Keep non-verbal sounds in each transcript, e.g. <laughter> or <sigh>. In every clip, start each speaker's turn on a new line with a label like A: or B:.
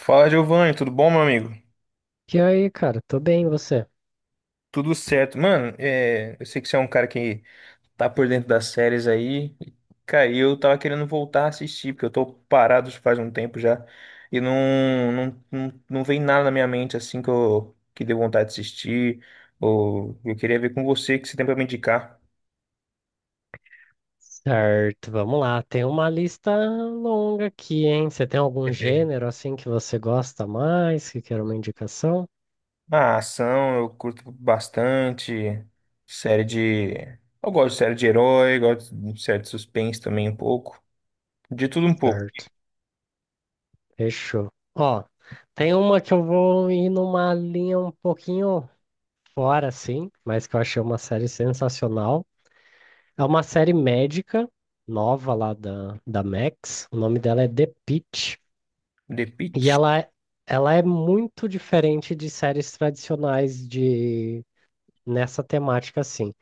A: Fala, Giovanni, tudo bom, meu amigo?
B: E aí, cara, tô bem, e você?
A: Tudo certo. Mano, é, eu sei que você é um cara que tá por dentro das séries aí. Cara, e eu tava querendo voltar a assistir, porque eu tô parado faz um tempo já. E não, não, não, não vem nada na minha mente assim que eu que deu vontade de assistir. Ou eu queria ver com você que você tem pra me indicar.
B: Certo, vamos lá. Tem uma lista longa aqui, hein? Você tem algum
A: <laughs>
B: gênero assim que você gosta mais, que quer uma indicação?
A: A ação, eu curto bastante. Série de. Eu gosto de série de herói, gosto de série de suspense também um pouco. De tudo um pouco.
B: Certo, fechou. Ó, tem uma que eu vou ir numa linha um pouquinho fora, assim, mas que eu achei uma série sensacional. É uma série médica nova lá da Max. O nome dela é The Pitt.
A: The
B: E
A: Pitt.
B: ela é muito diferente de séries tradicionais de nessa temática, assim.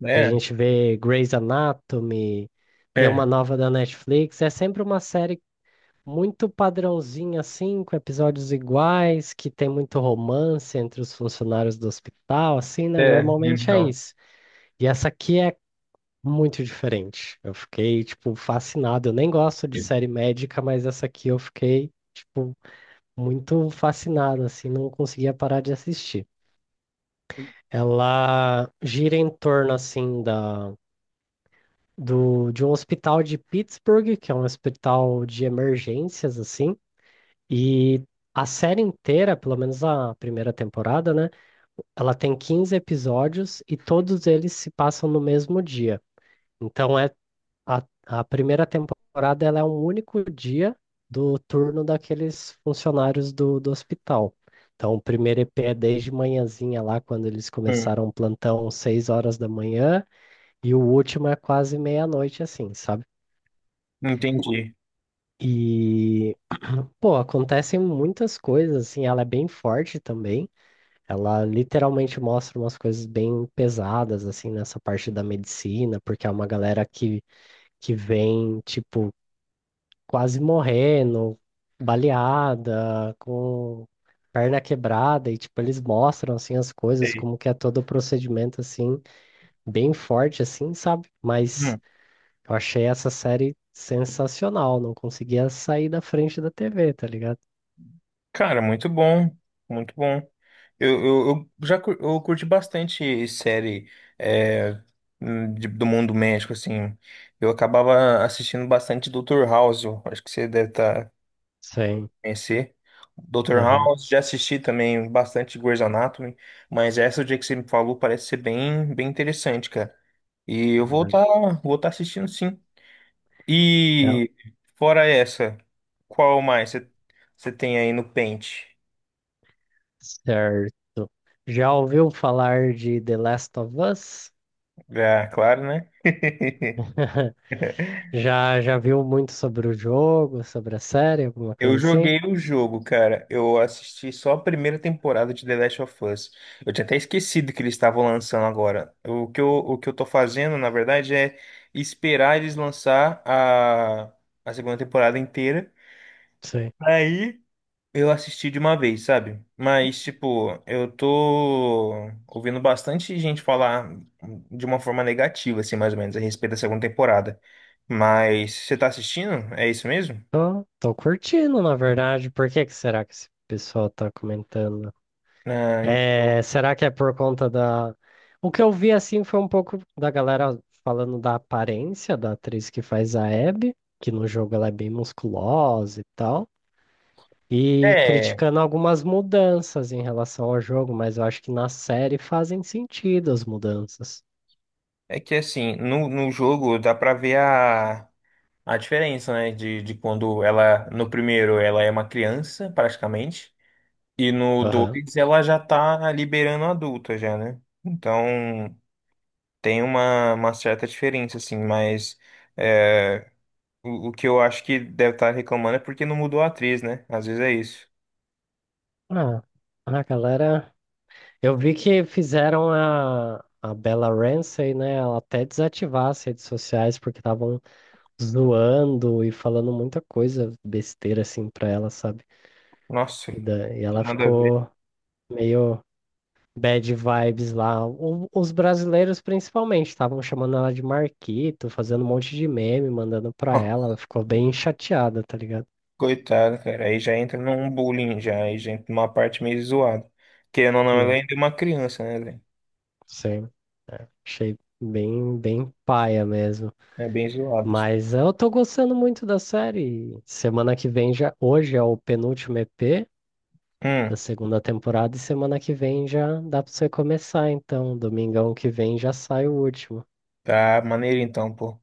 B: Porque a
A: Né?
B: gente vê Grey's Anatomy, tem uma
A: É,
B: nova da Netflix, é sempre uma série muito padrãozinha, assim, com episódios iguais, que tem muito romance entre os funcionários do hospital, assim, né?
A: É,
B: Normalmente é
A: então.
B: isso. E essa aqui é muito diferente. Eu fiquei, tipo, fascinado. Eu nem gosto de série médica, mas essa aqui eu fiquei, tipo, muito fascinado, assim, não conseguia parar de assistir. Ela gira em torno, assim, de um hospital de Pittsburgh, que é um hospital de emergências, assim, e a série inteira, pelo menos a primeira temporada, né? Ela tem 15 episódios e todos eles se passam no mesmo dia. Então é a primeira temporada ela é um único dia do turno daqueles funcionários do hospital. Então o primeiro EP é desde manhãzinha lá, quando eles
A: hum,
B: começaram o plantão, 6 horas da manhã, e o último é quase meia-noite, assim, sabe?
A: entendi.
B: E, pô, acontecem muitas coisas, assim, ela é bem forte também. Ela literalmente mostra umas coisas bem pesadas, assim, nessa parte da medicina, porque é uma galera que vem, tipo, quase morrendo, baleada, com perna quebrada, e, tipo, eles mostram, assim, as coisas,
A: Sei.
B: como que é todo o procedimento, assim, bem forte, assim, sabe? Mas
A: Hum,
B: eu achei essa série sensacional, não conseguia sair da frente da TV, tá ligado?
A: cara, muito bom, muito bom. Eu já cur- eu curti bastante série é, do mundo médico, assim. Eu acabava assistindo bastante Doutor House, eu acho que você deve
B: Sim.
A: conhecer. Doutor
B: Aham.
A: House, já assisti também bastante Grey's Anatomy, mas essa o dia que você me falou parece ser bem, bem interessante, cara. E eu
B: Ela-
A: vou tá assistindo sim.
B: ela-
A: E fora essa, qual mais você tem aí no pente?
B: Certo. Já ouviu falar de The Last of Us?
A: Ah, claro, né? <laughs>
B: <laughs> Já viu muito sobre o jogo, sobre a série, alguma
A: Eu
B: coisa assim?
A: joguei o jogo, cara. Eu assisti só a primeira temporada de The Last of Us. Eu tinha até esquecido que eles estavam lançando agora. O que eu tô fazendo, na verdade, é esperar eles lançar a segunda temporada inteira.
B: Sim.
A: Aí. Eu assisti de uma vez, sabe? Mas, tipo, eu tô ouvindo bastante gente falar de uma forma negativa, assim, mais ou menos, a respeito da segunda temporada. Mas você tá assistindo? É isso mesmo?
B: Tô curtindo, na verdade. Por que que será que esse pessoal tá comentando?
A: Ah,
B: É, será que é por conta da. O que eu vi assim foi um pouco da galera falando da aparência da atriz que faz a Abby, que no jogo ela é bem musculosa e tal. E
A: é,
B: criticando algumas mudanças em relação ao jogo, mas eu acho que na série fazem sentido as mudanças.
A: é que assim, no jogo dá pra ver a diferença, né? De quando ela, no primeiro, ela é uma criança, praticamente, e no
B: Aham.
A: dois ela já tá liberando adulta já, né? Então. Tem uma certa diferença, assim, mas é, o que eu acho que deve estar reclamando é porque não mudou a atriz, né? Às vezes é isso.
B: Ah, a galera. Eu vi que fizeram a Bella Ramsey, né? Ela até desativar as redes sociais porque estavam zoando e falando muita coisa besteira assim pra ela, sabe?
A: Nossa,
B: E, da, e
A: que
B: ela
A: nada a ver.
B: ficou meio bad vibes lá. Os brasileiros, principalmente, estavam chamando ela de Marquito, fazendo um monte de meme, mandando
A: <laughs>
B: pra
A: Nossa,
B: ela. Ela ficou bem chateada, tá ligado?
A: coitado, cara, aí já entra num bullying, já, aí já entra numa parte meio zoada. Querendo ou não, ela
B: Né?
A: ainda é uma criança, né, velho?
B: Sim, achei bem, bem paia mesmo.
A: É bem zoado, assim.
B: Mas eu tô gostando muito da série. Semana que vem já. Hoje é o penúltimo EP da
A: Hum,
B: segunda temporada, e semana que vem já dá pra você começar. Então, domingão que vem já sai o último.
A: tá maneiro então, pô.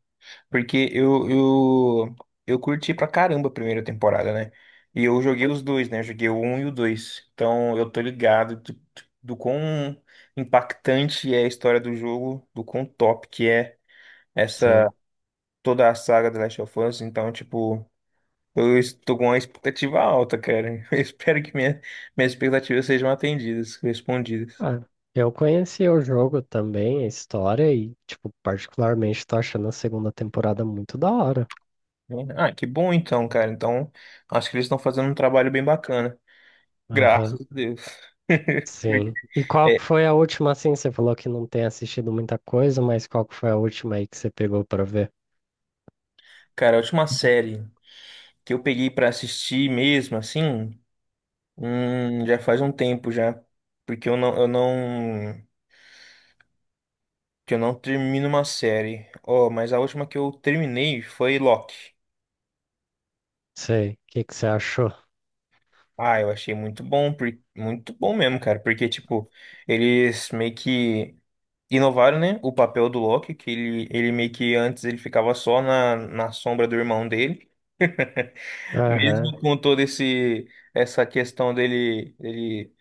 A: Porque eu curti pra caramba a primeira temporada, né? E eu joguei os dois, né? Joguei o 1 e o 2. Então eu tô ligado do quão impactante é a história do jogo, do quão top que é
B: Sim.
A: essa toda a saga The Last of Us. Então, tipo, eu estou com uma expectativa alta, cara. <laughs> Eu espero que minhas expectativas sejam atendidas, respondidas.
B: Ah, eu conheci o jogo também, a história, e, tipo, particularmente tô achando a segunda temporada muito da hora.
A: Ah, que bom então, cara. Então, acho que eles estão fazendo um trabalho bem bacana.
B: Aham,
A: Graças a Deus. <laughs>
B: sim. E qual
A: É,
B: que foi a última, assim? Você falou que não tem assistido muita coisa, mas qual que foi a última aí que você pegou pra ver?
A: cara, a última série que eu peguei pra assistir mesmo, assim, já faz um tempo já, porque eu não, que eu não termino uma série. Oh, mas a última que eu terminei foi Loki.
B: Sei, o que que você achou?
A: Ah, eu achei muito bom, muito bom mesmo, cara, porque tipo, eles meio que inovaram, né, o papel do Loki, que ele meio que antes ele ficava só na sombra do irmão dele.
B: Aham.
A: Mesmo com toda esse essa questão dele ele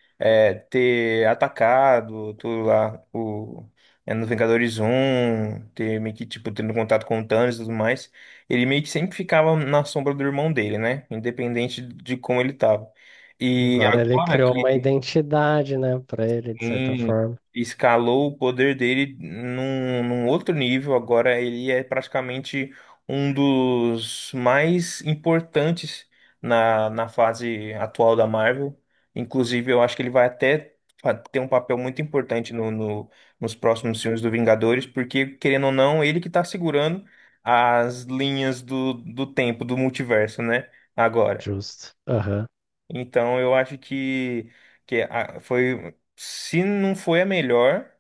A: ter atacado tudo lá nos Vingadores um ter meio que tipo tendo contato com o Thanos e tudo mais, ele meio que sempre ficava na sombra do irmão dele, né? Independente de como ele tava. E
B: Agora ele
A: agora
B: criou uma
A: que.
B: identidade, né, pra ele, de certa
A: Sim,
B: forma.
A: escalou o poder dele num outro nível. Agora ele é praticamente um dos mais importantes na fase atual da Marvel. Inclusive, eu acho que ele vai até ter um papel muito importante nos próximos filmes do Vingadores, porque, querendo ou não, ele que está segurando as linhas do tempo, do multiverso, né? Agora.
B: Justo. Aham,
A: Então eu acho que, foi, se não foi a melhor,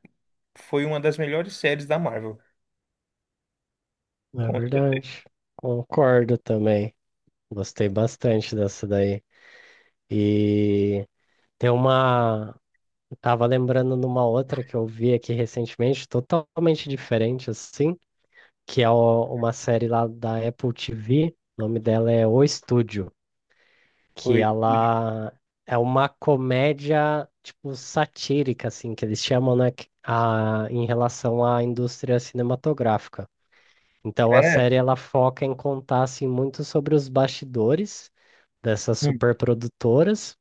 A: foi uma das melhores séries da Marvel.
B: é
A: Com certeza.
B: verdade. Concordo também. Gostei bastante dessa daí. E tem uma. Tava lembrando numa outra que eu vi aqui recentemente, totalmente diferente assim, que é o- uma série lá da Apple TV, o nome dela é O Estúdio, que
A: Foi.
B: ela é uma comédia tipo satírica assim, que eles chamam, né, que- a, em relação à indústria cinematográfica. Então a
A: É.
B: série ela foca em contar assim muito sobre os bastidores dessas
A: Hum,
B: superprodutoras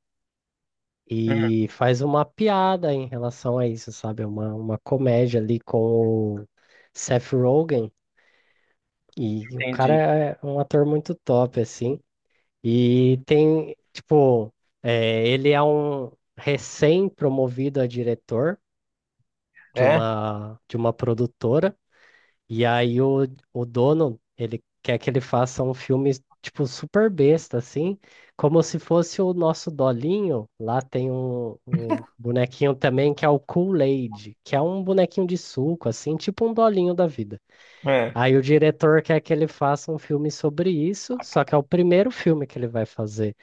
A: hum,
B: e faz uma piada em relação a isso, sabe? É uma comédia ali com o Seth Rogen. E o cara
A: entendi.
B: é um ator muito top, assim. E tem, tipo, é, ele é um recém-promovido a diretor de
A: É,
B: uma, de uma produtora. E aí o dono, ele quer que ele faça um filme, tipo, super besta, assim, como se fosse o nosso Dolinho. Lá tem um, um bonequinho também que é o Kool-Aid, que é um bonequinho de suco, assim, tipo um Dolinho da vida.
A: é.
B: Aí o diretor quer que ele faça um filme sobre isso, só que é o primeiro filme que ele vai fazer.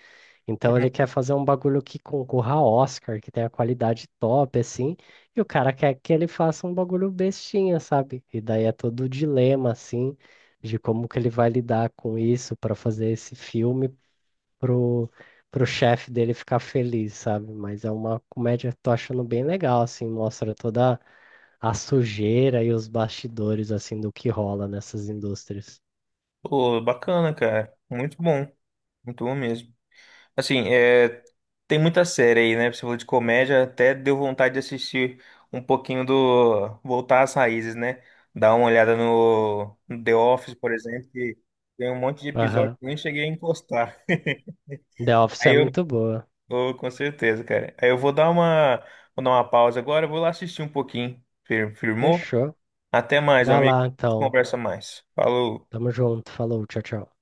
B: Então
A: Hum.
B: ele quer fazer um bagulho que concorra a Oscar, que tenha qualidade top, assim, e o cara quer que ele faça um bagulho bestinha, sabe? E daí é todo o dilema, assim, de como que ele vai lidar com isso para fazer esse filme pro, pro chefe dele ficar feliz, sabe? Mas é uma comédia que tô achando bem legal, assim, mostra toda a sujeira e os bastidores, assim, do que rola nessas indústrias.
A: Pô, bacana, cara. Muito bom. Muito bom mesmo. Assim, é, tem muita série aí, né? Você falou de comédia, até deu vontade de assistir um pouquinho do. Voltar às raízes, né? Dar uma olhada no The Office, por exemplo, que tem um monte de episódio que
B: Aham.
A: eu nem cheguei a encostar.
B: The Office
A: Aí
B: é
A: eu
B: muito boa.
A: vou, com certeza, cara. Aí eu vou dar uma pausa agora, vou lá assistir um pouquinho. Firmou?
B: Fechou.
A: Até mais,
B: Vai
A: amigo.
B: lá,
A: A gente
B: então.
A: conversa mais. Falou.
B: Tamo junto, falou, tchau, tchau.